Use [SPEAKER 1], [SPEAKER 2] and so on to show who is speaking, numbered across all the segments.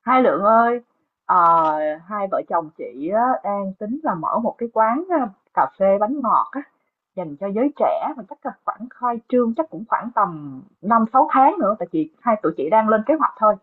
[SPEAKER 1] Hai Lượng ơi, ờ, hai vợ chồng chị á, đang tính là mở một cái quán cà phê bánh ngọt á, dành cho giới trẻ mà chắc là khoảng khai trương chắc cũng khoảng tầm 5 6 tháng nữa tại chị hai tụi chị đang lên kế hoạch thôi.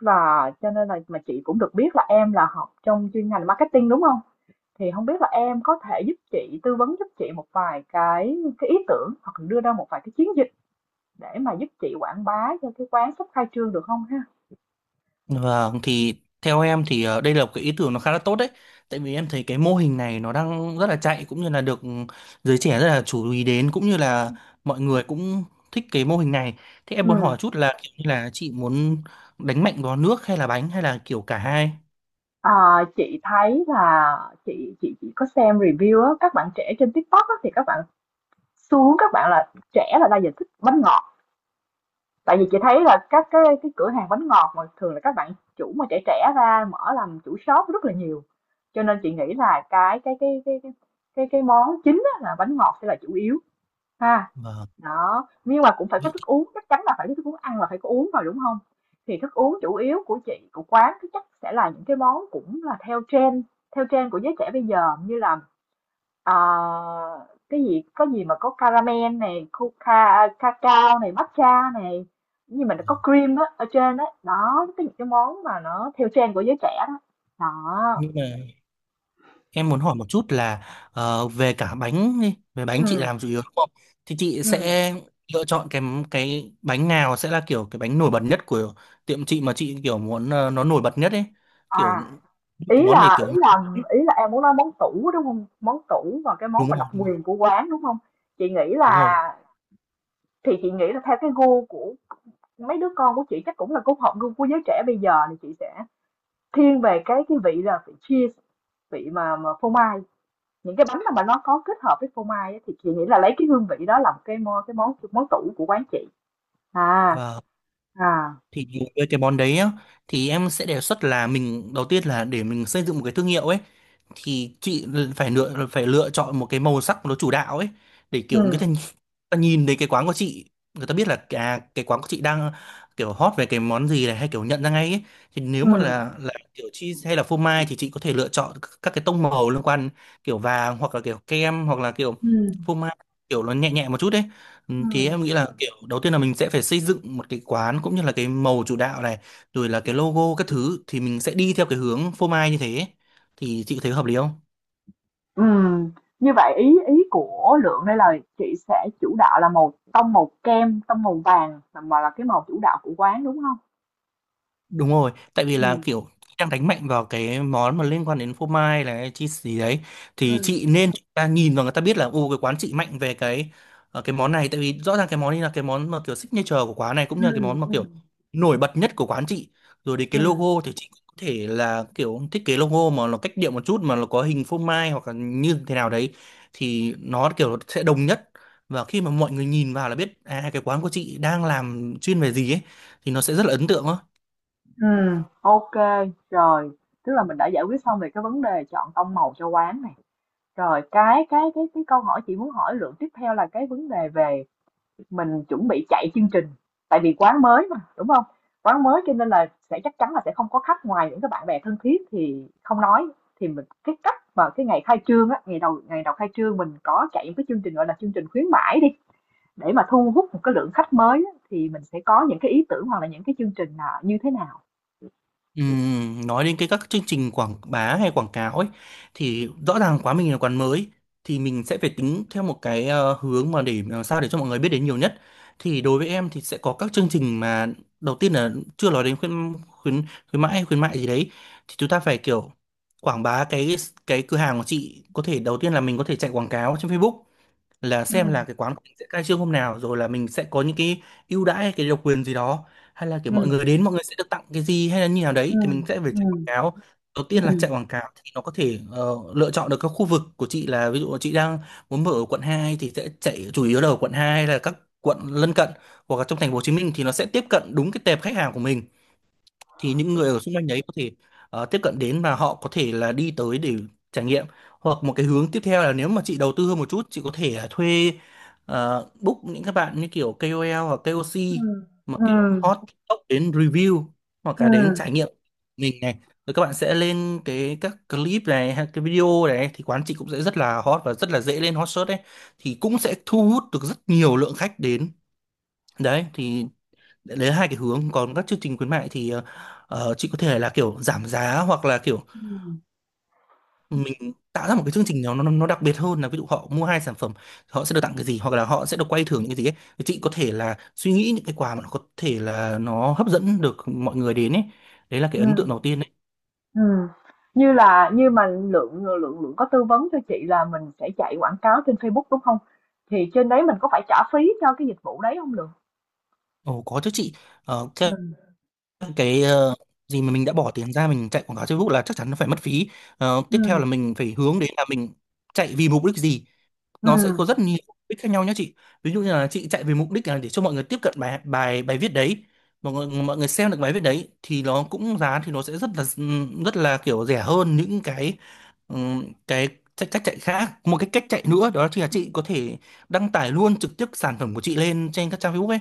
[SPEAKER 1] Và cho nên là mà chị cũng được biết là em là học trong chuyên ngành marketing đúng không? Thì không biết là em có thể giúp chị tư vấn giúp chị một vài cái ý tưởng hoặc là đưa ra một vài cái chiến dịch để mà giúp chị quảng bá cho cái quán sắp khai trương được không ha?
[SPEAKER 2] Vâng, thì theo em thì đây là một cái ý tưởng nó khá là tốt đấy. Tại vì em thấy cái mô hình này nó đang rất là chạy cũng như là được giới trẻ rất là chú ý đến cũng như là mọi người cũng thích cái mô hình này. Thế em
[SPEAKER 1] Ừ.
[SPEAKER 2] muốn hỏi chút là kiểu như là chị muốn đánh mạnh vào nước hay là bánh hay là kiểu cả hai?
[SPEAKER 1] Ờ, chị thấy là chị có xem review á, các bạn trẻ trên TikTok á, thì các bạn xu hướng các bạn là trẻ là đa dạng thích bánh ngọt. Tại vì chị thấy là các cái cửa hàng bánh ngọt mà thường là các bạn chủ mà trẻ trẻ ra mở làm chủ shop rất là nhiều. Cho nên chị nghĩ là cái món chính á, là bánh ngọt sẽ là chủ yếu ha.
[SPEAKER 2] Vâng.
[SPEAKER 1] Đó, nhưng mà cũng phải có
[SPEAKER 2] Vậy
[SPEAKER 1] thức
[SPEAKER 2] thì-
[SPEAKER 1] uống, chắc chắn là phải có thức uống, ăn là phải có uống rồi, đúng không? Thì thức uống chủ yếu của chị, của quán thì chắc sẽ là những cái món cũng là theo trend của giới trẻ bây giờ như là, ờ, cái gì có gì mà có caramel này, coca cacao này, matcha này, nhưng mà nó có cream á, ở trên á, đó, cái những cái món mà nó theo trend của giới trẻ đó. Đó.
[SPEAKER 2] nhưng mà Em muốn hỏi một chút là về cả bánh đi, về
[SPEAKER 1] Ừ.
[SPEAKER 2] bánh chị làm chủ yếu đúng không? Thì chị
[SPEAKER 1] Ừ.
[SPEAKER 2] sẽ lựa chọn cái bánh nào sẽ là kiểu cái bánh nổi bật nhất của tiệm chị mà chị kiểu muốn nó nổi bật nhất ấy, kiểu
[SPEAKER 1] À. Ý
[SPEAKER 2] cái món này
[SPEAKER 1] là ý
[SPEAKER 2] kiểu
[SPEAKER 1] là ý là em muốn nói món tủ, đúng không? Món tủ và cái món
[SPEAKER 2] đúng
[SPEAKER 1] mà độc
[SPEAKER 2] rồi,
[SPEAKER 1] quyền của quán, đúng không? Chị nghĩ
[SPEAKER 2] đúng rồi.
[SPEAKER 1] là thì chị nghĩ là theo cái gu của mấy đứa con của chị chắc cũng là cũng hợp gu của giới trẻ bây giờ thì chị sẽ thiên về cái vị là vị cheese, vị mà phô mai. Những cái bánh nào mà nó có kết hợp với phô mai á, thì chị nghĩ là lấy cái hương vị đó làm cái mo cái món món tủ của quán chị. À,
[SPEAKER 2] Và
[SPEAKER 1] à.
[SPEAKER 2] thì với cái món đấy á, thì em sẽ đề xuất là mình đầu tiên là để mình xây dựng một cái thương hiệu ấy thì chị phải lựa chọn một cái màu sắc nó chủ đạo ấy để kiểu cái ta
[SPEAKER 1] Ừm,
[SPEAKER 2] ta nhìn thấy cái quán của chị người ta biết là à, cái quán của chị đang kiểu hot về cái món gì này hay kiểu nhận ra ngay ấy. Thì nếu mà
[SPEAKER 1] ừm,
[SPEAKER 2] là kiểu cheese hay là phô mai thì chị có thể lựa chọn các cái tông màu liên quan kiểu vàng hoặc là kiểu kem hoặc là kiểu
[SPEAKER 1] ừm,
[SPEAKER 2] phô mai kiểu nó nhẹ nhẹ một chút đấy. Ừ, thì
[SPEAKER 1] ừm.
[SPEAKER 2] em nghĩ là kiểu đầu tiên là mình sẽ phải xây dựng một cái quán cũng như là cái màu chủ đạo này rồi là cái logo các thứ thì mình sẽ đi theo cái hướng phô mai như thế, thì chị có thấy hợp lý không?
[SPEAKER 1] Ừm, như vậy ý ý của Lượng đây là chị sẽ chủ đạo là màu tông màu kem, tông màu vàng là cái màu chủ đạo của quán đúng không?
[SPEAKER 2] Đúng rồi, tại vì là
[SPEAKER 1] ừ,
[SPEAKER 2] kiểu đang đánh mạnh vào cái món mà liên quan đến phô mai này chi gì đấy thì
[SPEAKER 1] ừ,
[SPEAKER 2] chị nên chúng ta nhìn vào người ta biết là ô cái quán chị mạnh về cái cái món này, tại vì rõ ràng cái món này là cái món mà kiểu signature của quán này cũng
[SPEAKER 1] ừ,
[SPEAKER 2] như là cái món mà
[SPEAKER 1] ừ,
[SPEAKER 2] kiểu nổi bật nhất của quán chị. Rồi đến cái
[SPEAKER 1] ừ,
[SPEAKER 2] logo thì chị cũng có thể là kiểu thiết kế logo mà nó cách điệu một chút mà nó có hình phô mai hoặc là như thế nào đấy thì nó kiểu sẽ đồng nhất và khi mà mọi người nhìn vào là biết à cái quán của chị đang làm chuyên về gì ấy thì nó sẽ rất là ấn tượng á.
[SPEAKER 1] ừm. Ok, rồi, tức là mình đã giải quyết xong về cái vấn đề chọn tông màu cho quán này. Rồi cái câu hỏi chị muốn hỏi Lượng tiếp theo là cái vấn đề về. Mình chuẩn bị chạy chương trình, tại vì quán mới mà, đúng không? Quán mới cho nên là sẽ chắc chắn là sẽ không có khách ngoài những cái bạn bè thân thiết thì không nói, thì mình cái cách mà cái ngày khai trương á, ngày đầu khai trương mình có chạy những cái chương trình, gọi là, chương trình khuyến mãi đi, để mà thu hút một cái lượng khách mới á, thì mình sẽ có những cái ý tưởng hoặc là những cái chương trình là như thế nào?
[SPEAKER 2] Nói đến cái các chương trình quảng bá hay quảng cáo ấy thì rõ ràng quá mình là quán mới thì mình sẽ phải tính theo một cái hướng mà để làm sao để cho mọi người biết đến nhiều nhất, thì đối với em thì sẽ có các chương trình mà đầu tiên là chưa nói đến khuyến khuyến khuyến mãi hay khuyến mại gì đấy thì chúng ta phải kiểu quảng bá cái cửa hàng của chị, có thể đầu tiên là mình có thể chạy quảng cáo trên Facebook là xem là
[SPEAKER 1] Ừm,
[SPEAKER 2] cái quán của mình sẽ khai trương hôm nào rồi là mình sẽ có những cái ưu đãi hay cái độc quyền gì đó hay là kiểu mọi
[SPEAKER 1] ừm,
[SPEAKER 2] người đến mọi người sẽ được tặng cái gì hay là như nào đấy thì
[SPEAKER 1] ừm,
[SPEAKER 2] mình sẽ phải chạy quảng
[SPEAKER 1] ừm,
[SPEAKER 2] cáo. Đầu tiên là
[SPEAKER 1] ừm,
[SPEAKER 2] chạy quảng cáo thì nó có thể lựa chọn được các khu vực của chị là ví dụ là chị đang muốn mở ở quận 2 thì sẽ chạy chủ yếu là ở quận 2 hay là các quận lân cận hoặc là trong thành phố Hồ Chí Minh thì nó sẽ tiếp cận đúng cái tệp khách hàng của mình, thì những người ở xung quanh đấy có thể tiếp cận đến và họ có thể là đi tới để trải nghiệm. Hoặc một cái hướng tiếp theo là nếu mà chị đầu tư hơn một chút chị có thể là thuê book những các bạn như kiểu KOL hoặc KOC
[SPEAKER 1] ừm,
[SPEAKER 2] mà kiểu
[SPEAKER 1] ừm,
[SPEAKER 2] hot TikTok đến review hoặc là đến
[SPEAKER 1] ừm,
[SPEAKER 2] trải nghiệm mình này, rồi các bạn sẽ lên cái các clip này hay cái video này thì quán chị cũng sẽ rất là hot và rất là dễ lên hot search đấy thì cũng sẽ thu hút được rất nhiều lượng khách đến. Đấy thì đấy là hai cái hướng. Còn các chương trình khuyến mại thì chị có thể là kiểu giảm giá hoặc là kiểu mình tạo ra một cái chương trình nào nó đặc biệt hơn, là ví dụ họ mua hai sản phẩm họ sẽ được tặng cái gì hoặc là họ sẽ được quay thưởng những cái gì ấy. Thì chị có thể là suy nghĩ những cái quà mà nó có thể là nó hấp dẫn được mọi người đến ấy, đấy là cái ấn tượng
[SPEAKER 1] ừm.
[SPEAKER 2] đầu tiên đấy.
[SPEAKER 1] Ừ, như là như mà Lượng Lượng Lượng có tư vấn cho chị là mình sẽ chạy quảng cáo trên Facebook, đúng không? Thì trên đấy mình có phải trả phí cho cái dịch vụ đấy không Lượng?
[SPEAKER 2] Ồ có chứ chị. Ờ, cái,
[SPEAKER 1] Ừ,
[SPEAKER 2] cái ờ, gì mà mình đã bỏ tiền ra mình chạy quảng cáo Facebook là chắc chắn nó phải mất phí. Ờ,
[SPEAKER 1] ừ,
[SPEAKER 2] tiếp theo là mình phải hướng đến là mình chạy vì mục đích gì,
[SPEAKER 1] ừ,
[SPEAKER 2] nó sẽ có rất nhiều mục đích khác nhau nhé chị. Ví dụ như là chị chạy về mục đích là để cho mọi người tiếp cận bài bài bài viết đấy, mọi người xem được bài viết đấy thì nó cũng giá thì nó sẽ rất là kiểu rẻ hơn những cái cách chạy khác. Một cái cách chạy
[SPEAKER 1] ừ.
[SPEAKER 2] nữa đó chính là chị có thể đăng tải luôn trực tiếp sản phẩm của chị lên trên các trang Facebook ấy,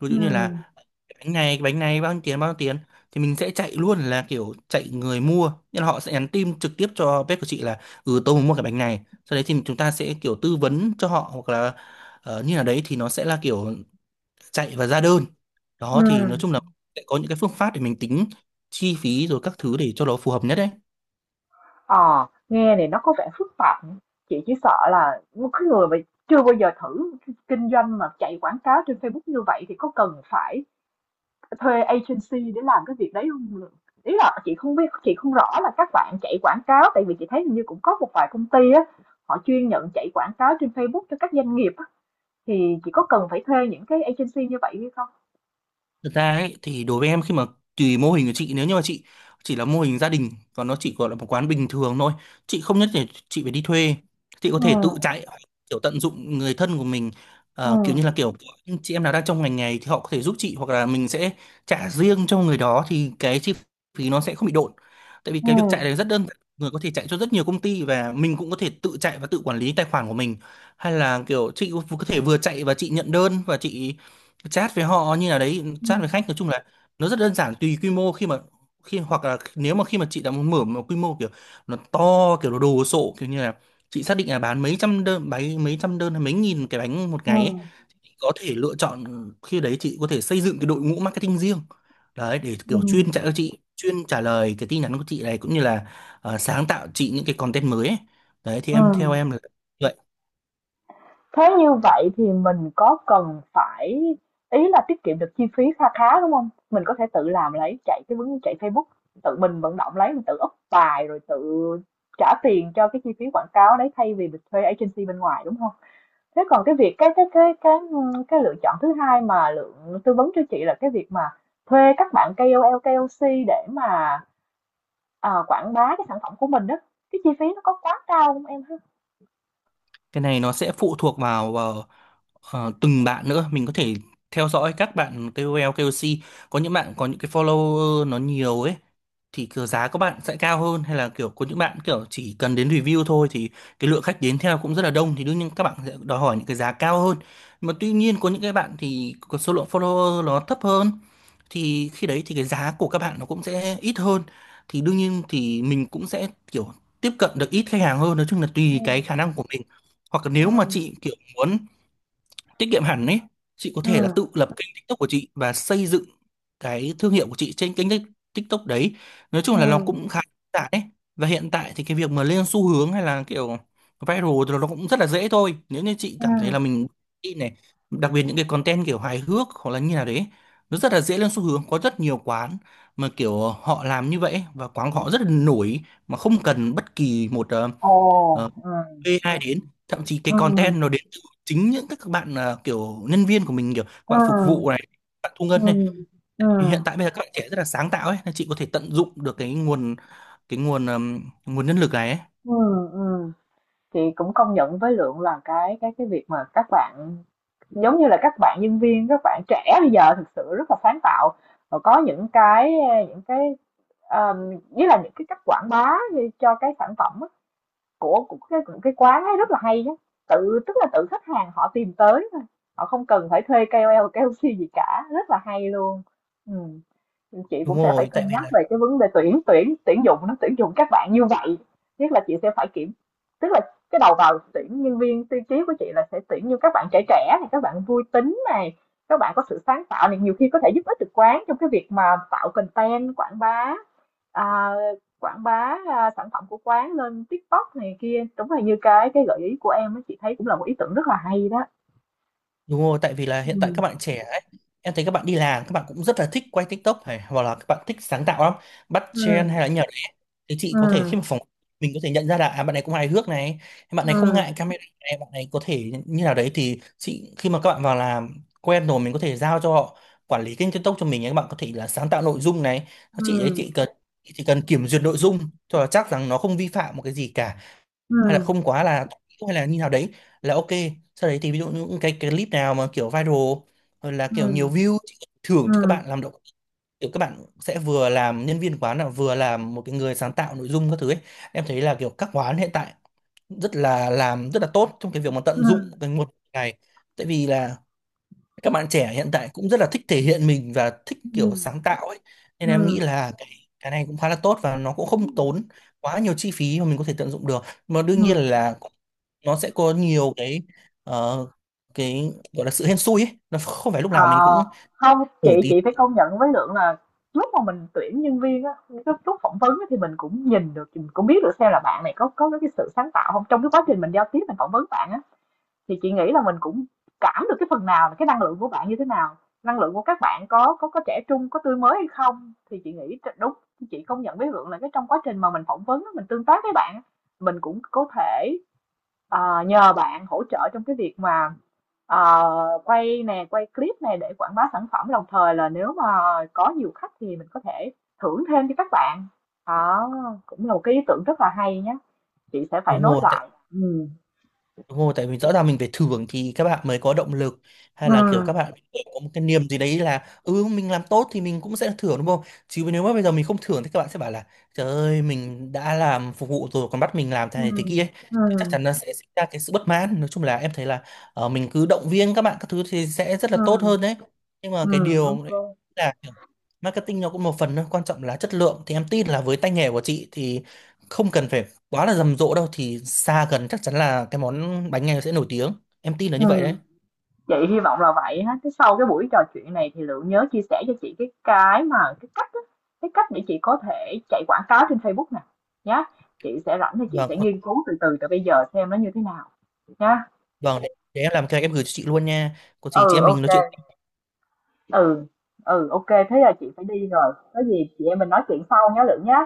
[SPEAKER 2] ví dụ như
[SPEAKER 1] Ừm.
[SPEAKER 2] là bánh này bao nhiêu tiền thì mình sẽ chạy luôn là kiểu chạy người mua nên họ sẽ nhắn tin trực tiếp cho bếp của chị là ừ tôi muốn mua cái bánh này, sau đấy thì chúng ta sẽ kiểu tư vấn cho họ hoặc là như là đấy thì nó sẽ là kiểu chạy và ra đơn. Đó thì nói chung là sẽ có những cái phương pháp để mình tính chi phí rồi các thứ để cho nó phù hợp nhất đấy.
[SPEAKER 1] Ờ, nghe này nó có vẻ phức tạp nhỉ? Chị chỉ sợ là một cái người mà chưa bao giờ thử kinh doanh mà chạy quảng cáo trên Facebook như vậy thì có cần phải thuê agency để làm cái việc đấy không? Ý là chị không biết chị không rõ là các bạn chạy quảng cáo tại vì chị thấy hình như cũng có một vài công ty á, họ chuyên nhận chạy quảng cáo trên Facebook cho các doanh nghiệp á, thì chị có cần phải thuê những cái agency như vậy hay không?
[SPEAKER 2] Thực ra ấy, thì đối với em khi mà tùy mô hình của chị, nếu như mà chị chỉ là mô hình gia đình và nó chỉ gọi là một quán bình thường thôi chị không nhất thiết chị phải đi thuê, chị có thể tự
[SPEAKER 1] Ừ,
[SPEAKER 2] chạy hoặc kiểu tận dụng người thân của mình.
[SPEAKER 1] ừ,
[SPEAKER 2] Ờ, kiểu như là kiểu những chị em nào đang trong ngành này thì họ có thể giúp chị hoặc là mình sẽ trả riêng cho người đó thì cái chi phí nó sẽ không bị độn, tại vì cái việc chạy này
[SPEAKER 1] ừ,
[SPEAKER 2] rất đơn giản, người có thể chạy cho rất nhiều công ty và mình cũng có thể tự chạy và tự quản lý tài khoản của mình hay là kiểu chị có thể vừa chạy và chị nhận đơn và chị chat với họ như nào đấy, chat với khách. Nói chung là nó rất đơn giản tùy quy mô. Khi mà khi hoặc là nếu mà khi mà chị đã muốn mở một quy mô kiểu nó to kiểu nó đồ sộ kiểu như là chị xác định là bán mấy mấy trăm đơn hay mấy nghìn cái bánh một
[SPEAKER 1] ừ,
[SPEAKER 2] ngày ấy, thì có thể lựa chọn khi đấy chị có thể xây dựng cái đội ngũ marketing riêng đấy để
[SPEAKER 1] ừ,
[SPEAKER 2] kiểu chuyên trả cho chị, chuyên trả lời cái tin nhắn của chị này cũng như là sáng tạo chị những cái content mới ấy. Đấy thì em, theo
[SPEAKER 1] ừ.
[SPEAKER 2] em là vậy.
[SPEAKER 1] Thế như vậy thì mình có cần phải, ý là tiết kiệm được chi phí kha khá, đúng không? Mình có thể tự làm lấy, chạy cái vấn chạy Facebook, tự mình vận động lấy, mình tự up bài rồi tự trả tiền cho cái chi phí quảng cáo đấy thay vì mình thuê agency bên ngoài, đúng không? Thế còn cái việc cái lựa chọn thứ hai mà Lượng tư vấn cho chị là cái việc mà thuê các bạn KOL, KOC để mà, ờ, quảng bá cái sản phẩm của mình đó, cái chi phí nó có quá cao không em ha?
[SPEAKER 2] Cái này nó sẽ phụ thuộc vào từng bạn nữa. Mình có thể theo dõi các bạn KOL KOC, có những bạn có những cái follower nó nhiều ấy thì kiểu giá các bạn sẽ cao hơn, hay là kiểu có những bạn kiểu chỉ cần đến review thôi thì cái lượng khách đến theo cũng rất là đông, thì đương nhiên các bạn sẽ đòi hỏi những cái giá cao hơn. Nhưng mà tuy nhiên có những cái bạn thì có số lượng follower nó thấp hơn thì khi đấy thì cái giá của các bạn nó cũng sẽ ít hơn, thì đương nhiên thì mình cũng sẽ kiểu tiếp cận được ít khách hàng hơn. Nói chung là tùy
[SPEAKER 1] Ừm,
[SPEAKER 2] cái khả năng của mình. Hoặc là nếu mà
[SPEAKER 1] ừm,
[SPEAKER 2] chị kiểu muốn tiết kiệm hẳn ấy, chị có thể là
[SPEAKER 1] ừm,
[SPEAKER 2] tự lập kênh TikTok của chị và xây dựng cái thương hiệu của chị trên TikTok đấy. Nói chung là nó
[SPEAKER 1] ừm,
[SPEAKER 2] cũng khá đơn giản ấy, và hiện tại thì cái việc mà lên xu hướng hay là kiểu viral thì nó cũng rất là dễ thôi, nếu như chị cảm thấy
[SPEAKER 1] ừm.
[SPEAKER 2] là mình đi này. Đặc biệt những cái content kiểu hài hước hoặc là như nào đấy nó rất là dễ lên xu hướng. Có rất nhiều quán mà kiểu họ làm như vậy ấy, và quán của họ rất là nổi mà không cần bất kỳ một
[SPEAKER 1] Ồ,
[SPEAKER 2] ờ,
[SPEAKER 1] ừm,
[SPEAKER 2] AI đến. Thậm chí cái
[SPEAKER 1] ừm,
[SPEAKER 2] content nó đến từ chính những các bạn à, kiểu nhân viên của mình, kiểu các bạn phục
[SPEAKER 1] ừm,
[SPEAKER 2] vụ này, các bạn thu ngân này.
[SPEAKER 1] ừm,
[SPEAKER 2] Thì hiện
[SPEAKER 1] ừm,
[SPEAKER 2] tại bây giờ các bạn trẻ rất là sáng tạo ấy, nên chị có thể tận dụng được cái nguồn, cái nguồn nguồn nhân lực này ấy.
[SPEAKER 1] ừm. Chị cũng công nhận với Lượng là cái việc mà các bạn giống như là các bạn nhân viên các bạn trẻ bây giờ thực sự rất là sáng tạo và có những cái những cái, um, với là những cái cách quảng bá cho cái sản phẩm á, của cái quán ấy rất là hay nhá, tự tức là tự khách hàng họ tìm tới thôi, họ không cần phải thuê KOL, KOC gì cả, rất là hay luôn. Chị
[SPEAKER 2] Đúng
[SPEAKER 1] cũng sẽ phải
[SPEAKER 2] rồi, tại
[SPEAKER 1] cân
[SPEAKER 2] vì
[SPEAKER 1] nhắc
[SPEAKER 2] là
[SPEAKER 1] về cái vấn đề tuyển tuyển tuyển dụng nó tuyển dụng các bạn như vậy, nhất là chị sẽ phải kiểm, tức là cái đầu vào tuyển nhân viên tiêu chí của chị là sẽ tuyển như các bạn trẻ trẻ này, các bạn vui tính này, các bạn có sự sáng tạo này, nhiều khi có thể giúp ích được quán trong cái việc mà tạo content quảng bá. À, quảng bá, sản phẩm của quán lên TikTok này kia, đúng là như cái gợi ý của em á, chị thấy cũng là một ý tưởng rất là hay đó.
[SPEAKER 2] đúng rồi, tại vì là hiện tại các
[SPEAKER 1] Ừm,
[SPEAKER 2] bạn trẻ ấy, em thấy các bạn đi làm, các bạn cũng rất là thích quay TikTok này, hoặc là các bạn thích sáng tạo lắm, bắt trend
[SPEAKER 1] ừm,
[SPEAKER 2] hay là nhờ đấy. Thì chị có thể khi
[SPEAKER 1] ừm,
[SPEAKER 2] mà phỏng, mình có thể nhận ra là à, bạn này cũng hài hước này, bạn này không
[SPEAKER 1] ừm,
[SPEAKER 2] ngại camera này, bạn này có thể như nào đấy, thì chị khi mà các bạn vào làm quen rồi mình có thể giao cho họ quản lý kênh TikTok cho mình ấy, các bạn có thể là sáng tạo nội dung này. Các chị đấy,
[SPEAKER 1] ừm,
[SPEAKER 2] chị cần, chị chỉ cần kiểm duyệt nội dung cho là chắc rằng nó không vi phạm một cái gì cả, hay là
[SPEAKER 1] ừm,
[SPEAKER 2] không quá là, hay là như nào đấy là ok. Sau đấy thì ví dụ những cái clip nào mà kiểu viral hoặc là kiểu nhiều
[SPEAKER 1] ừm,
[SPEAKER 2] view thì thưởng cho các
[SPEAKER 1] ừm,
[SPEAKER 2] bạn làm động, kiểu các bạn sẽ vừa làm nhân viên quán là vừa làm một cái người sáng tạo nội dung các thứ ấy. Em thấy là kiểu các quán hiện tại rất là làm rất là tốt trong cái việc mà tận dụng
[SPEAKER 1] ừm,
[SPEAKER 2] cái nguồn này. Tại vì là các bạn trẻ hiện tại cũng rất là thích thể hiện mình và thích kiểu
[SPEAKER 1] ừm,
[SPEAKER 2] sáng tạo ấy, nên em nghĩ
[SPEAKER 1] ừm,
[SPEAKER 2] là cái này cũng khá là tốt và nó cũng không tốn quá nhiều chi phí mà mình có thể tận dụng được. Mà đương nhiên
[SPEAKER 1] ừm.
[SPEAKER 2] là nó sẽ có nhiều cái, ờ, cái gọi là sự hên xui ấy, nó không phải lúc
[SPEAKER 1] Ờ,
[SPEAKER 2] nào mình cũng
[SPEAKER 1] không,
[SPEAKER 2] nổi
[SPEAKER 1] chị
[SPEAKER 2] tiếng.
[SPEAKER 1] chị phải công nhận với Lượng là lúc mà mình tuyển nhân viên á, cái lúc phỏng vấn á, thì mình cũng nhìn được, mình cũng biết được xem là bạn này có cái sự sáng tạo không. Trong cái quá trình mình giao tiếp mình phỏng vấn bạn á, thì chị nghĩ là mình cũng cảm được cái phần nào là cái năng lượng của bạn như thế nào, năng lượng của các bạn có có trẻ trung, có tươi mới hay không. Thì chị nghĩ đúng, chị công nhận với Vượng là cái trong quá trình mà mình phỏng vấn, mình tương tác với bạn, mình cũng có thể, nhờ bạn hỗ trợ trong cái việc mà, à, quay nè, quay clip này để quảng bá sản phẩm. Đồng thời là nếu mà có nhiều khách thì mình có thể thưởng thêm cho các bạn. Đó, cũng là một cái ý tưởng rất là hay nhé. Chị sẽ phải
[SPEAKER 2] Đúng
[SPEAKER 1] nốt
[SPEAKER 2] rồi,
[SPEAKER 1] lại. Ừ.
[SPEAKER 2] đúng rồi, tại vì rõ ràng mình phải thưởng thì các bạn mới có động lực, hay
[SPEAKER 1] Ừ.
[SPEAKER 2] là kiểu các bạn có một cái niềm gì đấy là ừ mình làm tốt thì mình cũng sẽ thưởng đúng không? Chứ nếu mà bây giờ mình không thưởng thì các bạn sẽ bảo là trời ơi, mình đã làm phục vụ rồi còn bắt mình làm thế
[SPEAKER 1] Ừ.
[SPEAKER 2] này thế kia ấy.
[SPEAKER 1] Ừ.
[SPEAKER 2] Chắc chắn nó sẽ sinh ra cái sự bất mãn. Nói chung là em thấy là mình cứ động viên các bạn các thứ thì sẽ rất là
[SPEAKER 1] Ừ,
[SPEAKER 2] tốt hơn đấy. Nhưng mà
[SPEAKER 1] ừ,
[SPEAKER 2] cái điều
[SPEAKER 1] ok,
[SPEAKER 2] đấy là kiểu marketing nó cũng một phần thôi, quan trọng là chất lượng, thì em tin là với tay nghề của chị thì không cần phải quá là rầm rộ đâu, thì xa gần chắc chắn là cái món bánh này sẽ nổi tiếng, em tin là
[SPEAKER 1] ừ,
[SPEAKER 2] như vậy đấy.
[SPEAKER 1] chị hy vọng là vậy ha. Thế sau cái buổi trò chuyện này thì Lượng nhớ chia sẻ cho chị cái cách á, cái cách để chị có thể chạy quảng cáo trên Facebook nè, nhá. Chị sẽ rảnh thì chị
[SPEAKER 2] Vâng.
[SPEAKER 1] sẽ nghiên cứu từ từ, từ bây giờ xem nó như thế nào nhá.
[SPEAKER 2] vâng để, để em làm cái em gửi cho chị luôn nha, có gì chị
[SPEAKER 1] Ừ,
[SPEAKER 2] em mình nói
[SPEAKER 1] ok,
[SPEAKER 2] chuyện
[SPEAKER 1] ừ, ừ, ok, thế là chị phải đi rồi, có gì chị em mình nói chuyện sau nhé Lượng nhá.